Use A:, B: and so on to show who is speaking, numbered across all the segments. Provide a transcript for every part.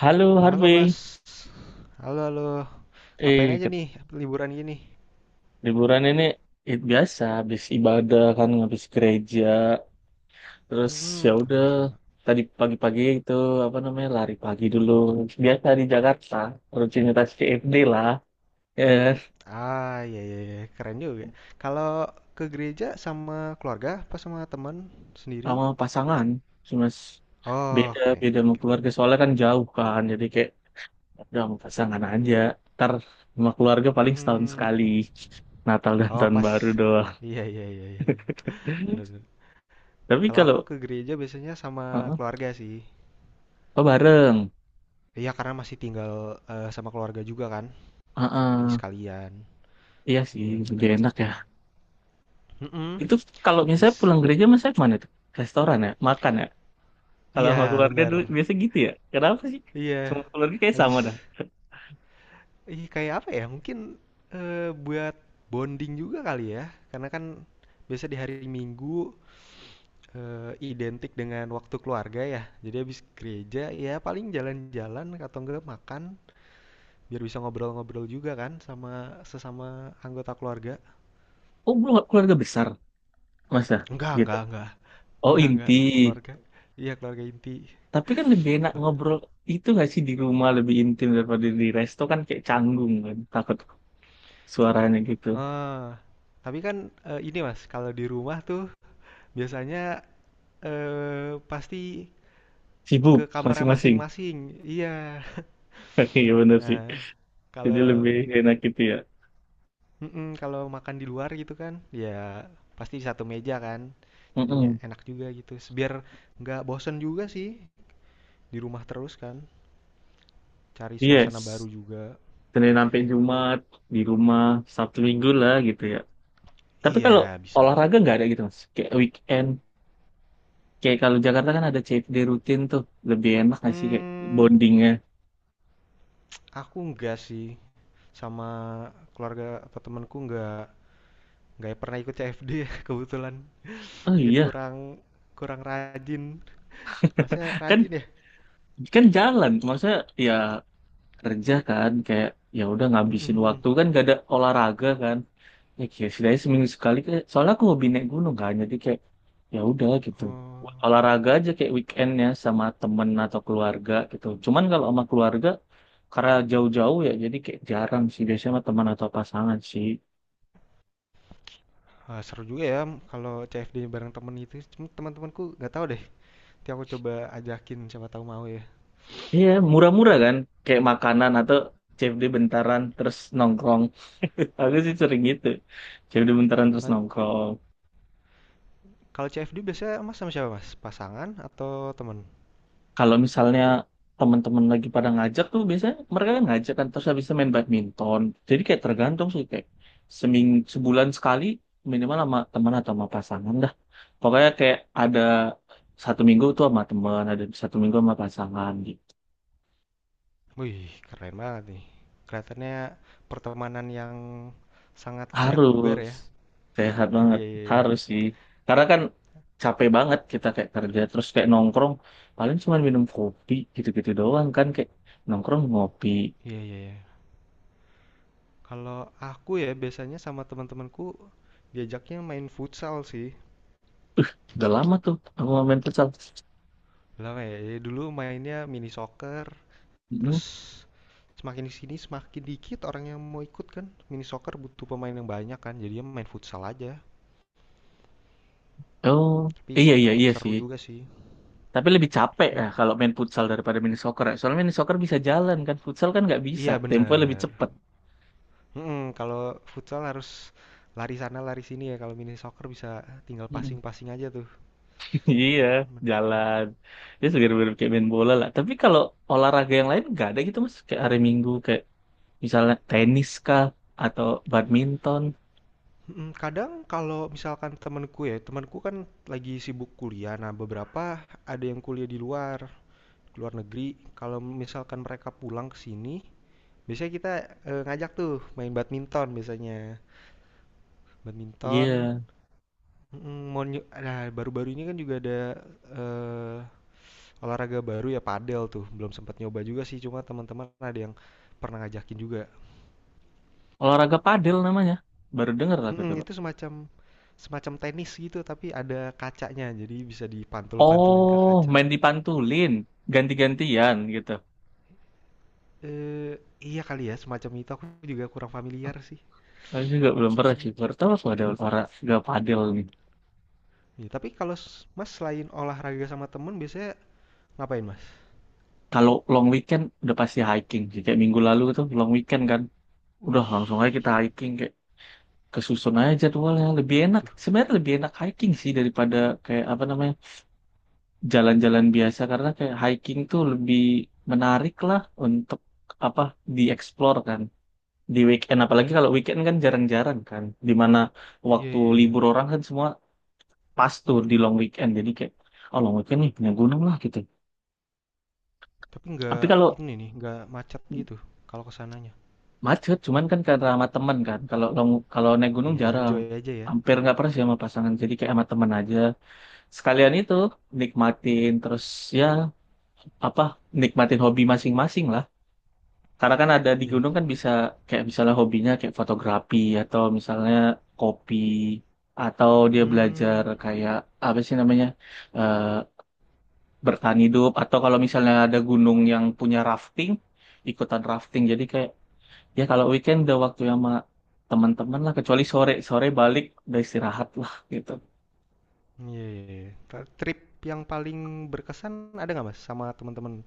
A: Halo
B: Halo
A: Harvey,
B: Mas, halo halo, ngapain
A: eh
B: aja
A: ke-
B: nih liburan gini?
A: liburan ini biasa habis ibadah kan, habis gereja terus ya
B: Hmm,
A: udah.
B: sama-sama.
A: Tadi pagi-pagi itu apa namanya, lari pagi dulu, biasa di Jakarta rutinitas CFD lah. eh
B: Ah, iya iya iya, keren juga. Kalau ke gereja sama keluarga, apa sama teman sendiri?
A: Sama pasangan, cuma s-
B: Oh,
A: beda
B: keren
A: beda
B: keren
A: sama
B: keren.
A: keluarga soalnya kan jauh kan, jadi kayak udah sama pasangan aja. Ntar sama keluarga paling setahun
B: Hmm,
A: sekali, Natal dan
B: oh
A: tahun
B: pas,
A: baru doang.
B: iya iya iya iya, bener bener.
A: Tapi
B: Kalau
A: kalau
B: aku ke gereja biasanya sama
A: uh-uh,
B: keluarga sih.
A: oh bareng.
B: Iya karena masih tinggal sama keluarga juga kan, di
A: uh
B: sekalian.
A: Iya sih,
B: Iya bener.
A: lebih enak ya.
B: Mm-mm.
A: Itu kalau misalnya
B: Bis.
A: pulang gereja, masa kemana tuh? Restoran ya? Makan ya? Kalau sama
B: Iya
A: keluarga
B: bener.
A: dulu, biasa gitu ya? Kenapa sih?
B: Iya,
A: Sama keluarga kayak sama
B: habis
A: dah.
B: ih kayak apa ya? Mungkin buat bonding juga kali ya, karena kan biasa di hari Minggu identik dengan waktu keluarga ya. Jadi habis gereja ya paling jalan-jalan atau enggak makan biar bisa ngobrol-ngobrol juga kan sama sesama anggota keluarga.
A: Oh, belum keluarga besar, masa? Gitu.
B: Enggak, enggak.
A: Oh,
B: Enggak,
A: inti.
B: enggak. Keluarga. Iya, keluarga inti.
A: Tapi kan lebih enak
B: Kela-
A: ngobrol itu nggak sih, di rumah lebih intim daripada di resto kan, kayak canggung kan. Takut suaranya gitu.
B: Ah, tapi kan ini Mas, kalau di rumah tuh biasanya pasti ke
A: Sibuk
B: kamarnya
A: masing-masing.
B: masing-masing, iya.
A: Iya bener sih.
B: Nah,
A: Jadi
B: kalau
A: lebih enak gitu ya.
B: mhm, kalau makan di luar gitu kan, ya pasti satu meja kan, jadinya
A: Mm-mm.
B: enak juga gitu, biar nggak bosen juga sih di rumah terus kan, cari suasana baru
A: Yes.
B: juga.
A: Senin sampai Jumat di rumah, Sabtu Minggu lah gitu ya. Tapi kalau
B: Iya, bisa bisa.
A: olahraga nggak ada gitu mas. Kayak weekend, kayak kalau Jakarta kan ada CFD rutin tuh, lebih enak nggak sih kayak
B: Hmm,
A: bondingnya?
B: aku enggak sih, sama keluarga atau temanku enggak pernah ikut CFD ya kebetulan,
A: Oh
B: mungkin
A: iya,
B: kurang kurang rajin. Masnya
A: kan
B: rajin ya?
A: kan jalan, maksudnya ya kerja kan, kayak ya udah
B: Mhm
A: ngabisin
B: mhm.
A: waktu kan, gak ada olahraga kan. Ya kayak setidaknya seminggu sekali. Soalnya aku hobi naik gunung kan, jadi kayak ya udah gitu.
B: Oh.
A: Olahraga aja kayak weekendnya sama temen atau keluarga gitu. Cuman kalau sama keluarga karena jauh-jauh ya, jadi kayak jarang sih, biasanya sama teman atau pasangan sih.
B: Seru juga ya kalau CFD bareng temen itu, cuma teman-temanku nggak tahu deh, nanti aku coba ajakin siapa tahu mau ya.
A: Iya, murah-murah kan? Kayak makanan atau CFD bentaran terus nongkrong. Aku sih sering gitu. CFD bentaran terus
B: Eee,
A: nongkrong.
B: kalau CFD biasanya Mas sama siapa Mas? Pasangan atau temen?
A: Kalau misalnya teman-teman lagi pada ngajak tuh, biasanya mereka kan ngajak kan, terus habis itu main badminton. Jadi kayak tergantung sih, kayak seming sebulan sekali minimal sama teman atau sama pasangan dah. Pokoknya kayak ada satu minggu tuh sama teman, ada satu minggu sama pasangan gitu.
B: Wih, keren banget nih. Kelihatannya pertemanan yang sangat sehat bugar
A: Harus
B: ya.
A: sehat banget,
B: Iya iya iya.
A: harus sih. Karena kan capek banget kita kayak kerja terus kayak nongkrong paling cuma minum kopi gitu-gitu doang kan, kayak nongkrong ngopi.
B: Iya iya iya. Kalau aku ya biasanya sama teman-temanku diajaknya main futsal sih.
A: Udah lama tuh aku nggak main futsal.
B: Lama ya, ya dulu mainnya mini soccer,
A: Mm.
B: terus semakin di sini semakin dikit orang yang mau ikut kan. Mini soccer butuh pemain yang banyak kan. Jadinya main futsal aja.
A: Oh,
B: Tapi
A: iya iya
B: tetap
A: iya
B: seru
A: sih.
B: juga sih.
A: Tapi lebih capek
B: Mm-mm.
A: ya kalau main futsal daripada mini soccer ya. Soalnya mini soccer bisa jalan kan, futsal kan nggak bisa.
B: Iya
A: Tempo lebih
B: bener.
A: cepet.
B: Mm-mm, kalau futsal harus lari sana lari sini ya. Kalau mini soccer bisa tinggal
A: Mm.
B: passing-passing aja tuh.
A: Iya, jalan. Ya segar-segar kayak main bola lah. Tapi kalau olahraga yang lain nggak ada gitu mas. Kayak hari Minggu kayak misalnya tenis kah atau badminton.
B: Kadang kalau misalkan temenku ya, temenku kan lagi sibuk kuliah. Nah beberapa ada yang kuliah di luar, luar negeri. Kalau misalkan mereka pulang ke sini, biasanya kita ngajak tuh main badminton biasanya. Badminton.
A: Iya,
B: Nah, baru-baru ini kan juga ada eh, olahraga baru ya padel tuh. Belum sempat nyoba juga sih, cuma teman-teman ada yang pernah ngajakin juga.
A: olahraga padel namanya. Baru denger aku
B: Mm,
A: dulu.
B: itu semacam semacam tenis gitu tapi ada kacanya. Jadi bisa dipantul-pantulin ke
A: Oh,
B: kaca.
A: main dipantulin, ganti-gantian gitu.
B: Eh, iya kali ya, semacam itu aku juga kurang familiar sih.
A: Aku juga belum pernah
B: Hmm.
A: sih. Baru tahu aku ada olahraga padel nih.
B: Ya, tapi kalau Mas selain olahraga sama temen biasanya ngapain Mas?
A: Kalau long weekend udah pasti hiking sih. Kayak minggu lalu tuh long weekend kan. Udah
B: Wih.
A: langsung aja kita hiking, kayak kesusun aja jadwalnya. Lebih
B: Mana
A: enak.
B: tuh?
A: Sebenarnya lebih enak hiking sih daripada kayak apa namanya jalan-jalan biasa, karena kayak hiking tuh lebih menarik lah untuk apa dieksplor kan di weekend, apalagi kalau weekend kan jarang-jarang kan dimana
B: Iya
A: waktu
B: iya iya.
A: libur orang kan semua pas tuh di long weekend. Jadi kayak oh, long weekend nih, naik gunung lah gitu.
B: Tapi
A: Tapi
B: nggak
A: kalau
B: ini nih, nggak macet gitu kalau kesananya sananya.
A: macet, cuman kan karena sama temen kan, kalau long kalau naik gunung
B: Iya,
A: jarang
B: enjoy aja ya.
A: hampir nggak pernah sih sama pasangan, jadi kayak sama temen aja. Sekalian itu nikmatin terus ya apa nikmatin hobi masing-masing lah. Karena kan ada di
B: Iya.
A: gunung kan bisa kayak misalnya hobinya kayak fotografi, atau misalnya kopi, atau dia belajar
B: Hmm,
A: kayak apa sih namanya, eh bertahan hidup, atau kalau misalnya ada gunung yang punya rafting, ikutan rafting. Jadi kayak ya kalau weekend udah waktu sama teman-teman lah, kecuali sore sore balik udah istirahat lah gitu.
B: iya iya iya. Trip yang paling berkesan ada nggak Mas sama teman-teman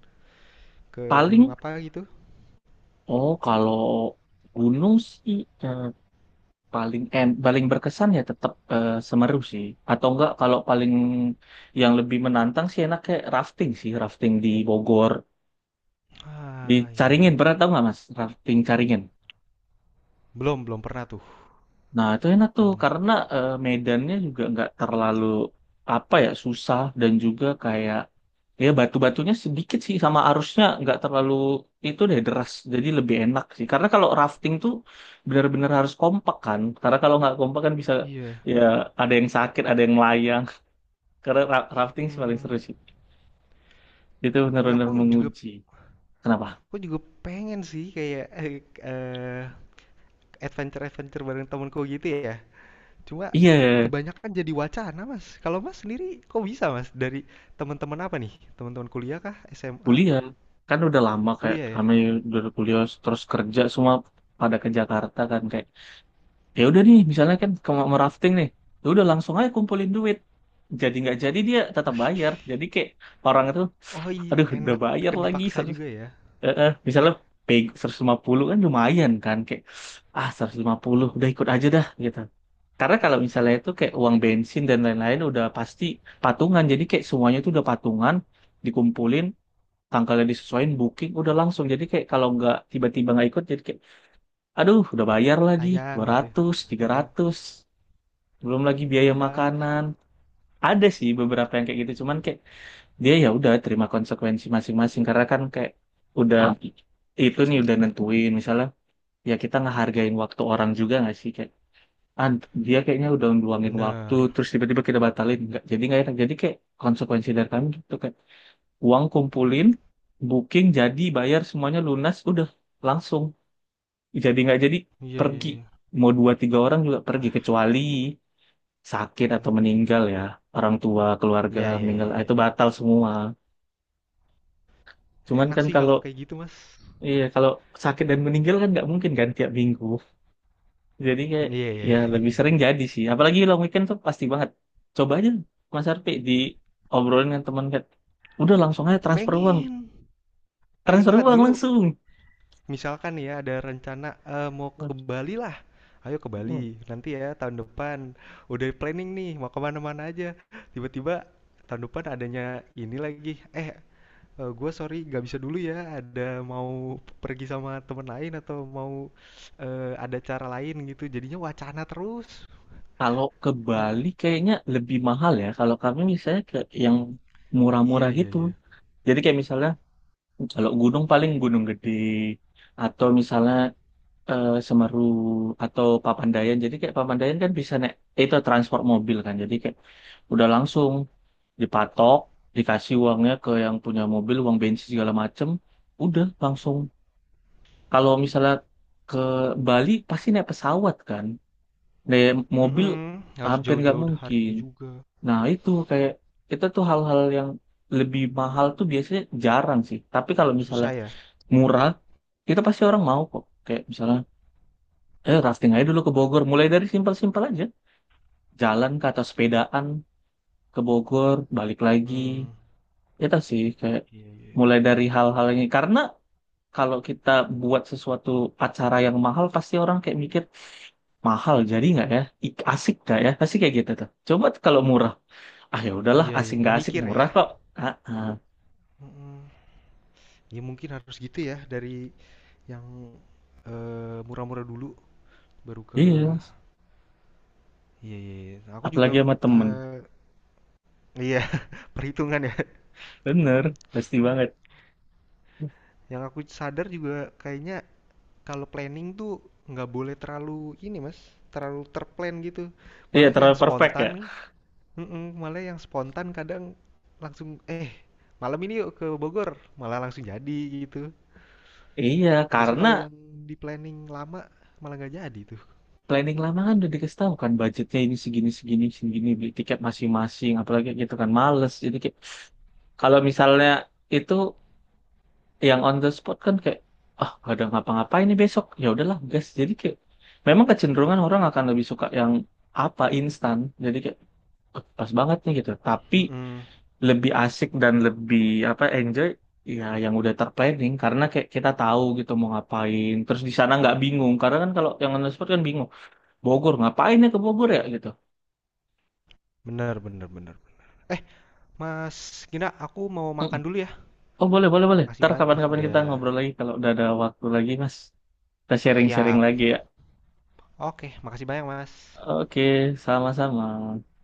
B: ke gunung
A: Paling
B: apa gitu?
A: oh, kalau gunung sih eh, paling berkesan ya tetap Semeru sih. Atau enggak kalau paling yang lebih menantang sih enaknya rafting sih, rafting di Bogor, di
B: Ah, iya.
A: Caringin.
B: Iya.
A: Pernah tahu nggak Mas rafting Caringin?
B: Belum, belum pernah tuh.
A: Nah, itu enak tuh
B: Belum.
A: karena medannya juga nggak terlalu apa ya, susah, dan juga kayak ya batu-batunya sedikit sih, sama arusnya nggak terlalu itu deh, deras. Jadi lebih enak sih karena kalau rafting tuh benar-benar harus kompak kan, karena kalau nggak kompak kan bisa
B: Iya.
A: ya ada yang sakit, ada yang melayang. Karena rafting sih paling
B: Hmm,
A: seru sih. Itu
B: ya
A: benar-benar
B: aku juga
A: menguji kenapa.
B: aku juga pengen sih kayak eh, adventure-adventure bareng temanku gitu ya. Cuma
A: Iya,
B: kebanyakan jadi wacana, Mas. Kalau Mas sendiri kok bisa, Mas? Dari teman-teman apa nih? Teman-teman kuliah kah? SMA?
A: kuliah kan udah lama kayak
B: Kuliah ya?
A: kami udah kuliah terus kerja semua pada ke Jakarta kan, kayak ya udah nih misalnya kan kalau mau rafting nih ya udah langsung aja kumpulin duit. Jadi nggak jadi, dia tetap
B: Wih,
A: bayar, jadi kayak orang itu
B: oh iya,
A: aduh udah
B: enak
A: bayar lagi,
B: dipaksa juga ya.
A: misalnya pay 150 kan lumayan kan, kayak ah, 150, udah ikut aja dah gitu. Karena kalau misalnya itu kayak uang bensin dan lain-lain udah pasti patungan, jadi kayak semuanya itu udah patungan, dikumpulin, tanggalnya disesuaikan, booking, udah langsung. Jadi kayak kalau nggak tiba-tiba nggak ikut jadi kayak aduh udah bayar lagi
B: Sayang
A: dua
B: gitu.
A: ratus tiga
B: Heeh.
A: ratus belum lagi
B: Iya,
A: biaya
B: iya.
A: makanan. Ada sih beberapa yang kayak gitu cuman kayak dia ya udah terima konsekuensi masing-masing, karena kan kayak udah itu nih udah nentuin misalnya ya, kita ngehargain waktu orang juga nggak sih, kayak ah, dia kayaknya udah ngeluangin waktu
B: Bener.
A: terus tiba-tiba kita batalin nggak jadi, nggak enak. Jadi kayak konsekuensi dari kami gitu, kayak uang kumpulin, booking, jadi bayar semuanya lunas udah langsung. Jadi nggak jadi
B: Iya, iya,
A: pergi,
B: iya.
A: mau dua tiga orang juga pergi,
B: Wah,
A: kecuali sakit atau
B: enak ya.
A: meninggal ya, orang tua, keluarga
B: Iya, iya,
A: meninggal,
B: iya,
A: ah
B: iya,
A: itu
B: iya.
A: batal semua. Cuman
B: Enak
A: kan
B: sih
A: kalau
B: kalau kayak gitu, Mas.
A: iya, kalau sakit dan meninggal kan nggak mungkin kan tiap minggu, jadi kayak
B: Iya, iya,
A: ya
B: iya.
A: lebih sering
B: Bener.
A: jadi sih, apalagi long weekend tuh pasti banget. Coba aja Mas Arpi di obrolin dengan teman, kayak udah langsung aja transfer uang,
B: Pengen. Pengen
A: transfer
B: banget
A: uang
B: dulu.
A: langsung.
B: Misalkan nih ya ada rencana, mau ke Bali lah, ayo ke Bali
A: Hmm.
B: nanti ya tahun depan, udah planning nih mau ke mana-mana aja, tiba-tiba tahun depan adanya ini lagi, "Eh, gue sorry gak bisa dulu ya ada mau pergi sama temen lain atau mau, ada cara lain," gitu jadinya wacana terus.
A: Kalau ke
B: Dibu
A: Bali kayaknya lebih mahal ya. Kalau kami misalnya ke yang
B: iya
A: murah-murah
B: iya
A: gitu.
B: iya,
A: Jadi kayak misalnya kalau gunung paling gunung gede, atau misalnya Semeru atau Papandayan. Jadi kayak Papandayan kan bisa naik itu transport mobil kan. Jadi kayak udah langsung dipatok, dikasih uangnya ke yang punya mobil, uang bensin segala macem, udah langsung. Kalau misalnya ke Bali pasti naik pesawat kan. Naik mobil
B: mhm, harus
A: hampir nggak
B: jauh-jauh hari
A: mungkin.
B: juga,
A: Nah itu kayak itu tuh hal-hal yang lebih mahal tuh biasanya jarang sih. Tapi kalau misalnya
B: susah ya?
A: murah, itu pasti orang mau kok. Kayak misalnya, rafting aja dulu ke Bogor. Mulai dari simpel-simpel aja. Jalan ke atas sepedaan ke Bogor, balik lagi.
B: Mmm,
A: Itu sih kayak
B: iya iya iya
A: mulai dari hal-hal ini. Karena kalau kita buat sesuatu acara yang mahal, pasti orang kayak mikir, mahal jadi nggak ya? Asik nggak ya? Pasti kayak gitu tuh. Coba kalau murah. Ah ya udahlah,
B: iya iya,
A: asik
B: nggak
A: nggak asik,
B: mikir ya?
A: murah kok. Ah, ah.
B: Mhm. Ya mungkin harus gitu ya dari yang, murah-murah dulu baru ke.
A: Iya,
B: Iya iya iya. Nah, aku juga,
A: apalagi sama temen.
B: eee, iya perhitungan ya.
A: Bener, pasti banget.
B: Yang aku sadar juga kayaknya kalau planning tuh nggak boleh terlalu ini Mas, terlalu terplan gitu.
A: Iya,
B: Malah yang
A: terlalu perfect ya?
B: spontan. Mhm, Malah yang spontan kadang langsung, "Eh, malam ini yuk ke Bogor," malah langsung jadi gitu.
A: Iya,
B: Biasanya
A: karena
B: kalau yang di-planning lama malah nggak jadi tuh.
A: planning lama kan udah dikasih tahu kan budgetnya ini segini segini segini, beli tiket masing-masing, apalagi gitu kan males. Jadi kayak kalau misalnya itu yang on the spot kan kayak ah gak ada ngapa-ngapain nih besok, ya udahlah guys, jadi kayak memang kecenderungan orang akan lebih suka yang apa, instan. Jadi kayak "Eh, pas banget nih" gitu. Tapi
B: Mhm,
A: lebih asik dan lebih apa, enjoy ya yang udah terplanning, karena kayak kita tahu gitu mau ngapain, terus di sana nggak bingung. Karena kan kalau yang on the spot kan bingung, Bogor ngapain ya, ke Bogor ya gitu.
B: bener bener bener. Eh, Mas Gina, aku mau
A: Mm-mm.
B: makan dulu ya.
A: Oh boleh boleh boleh.
B: Makasih
A: Ntar
B: banget nih
A: kapan-kapan
B: udah.
A: kita ngobrol lagi kalau udah ada waktu lagi Mas. Kita sharing-sharing
B: Siap.
A: lagi ya.
B: Oke, makasih banyak, Mas.
A: Oke, sama-sama.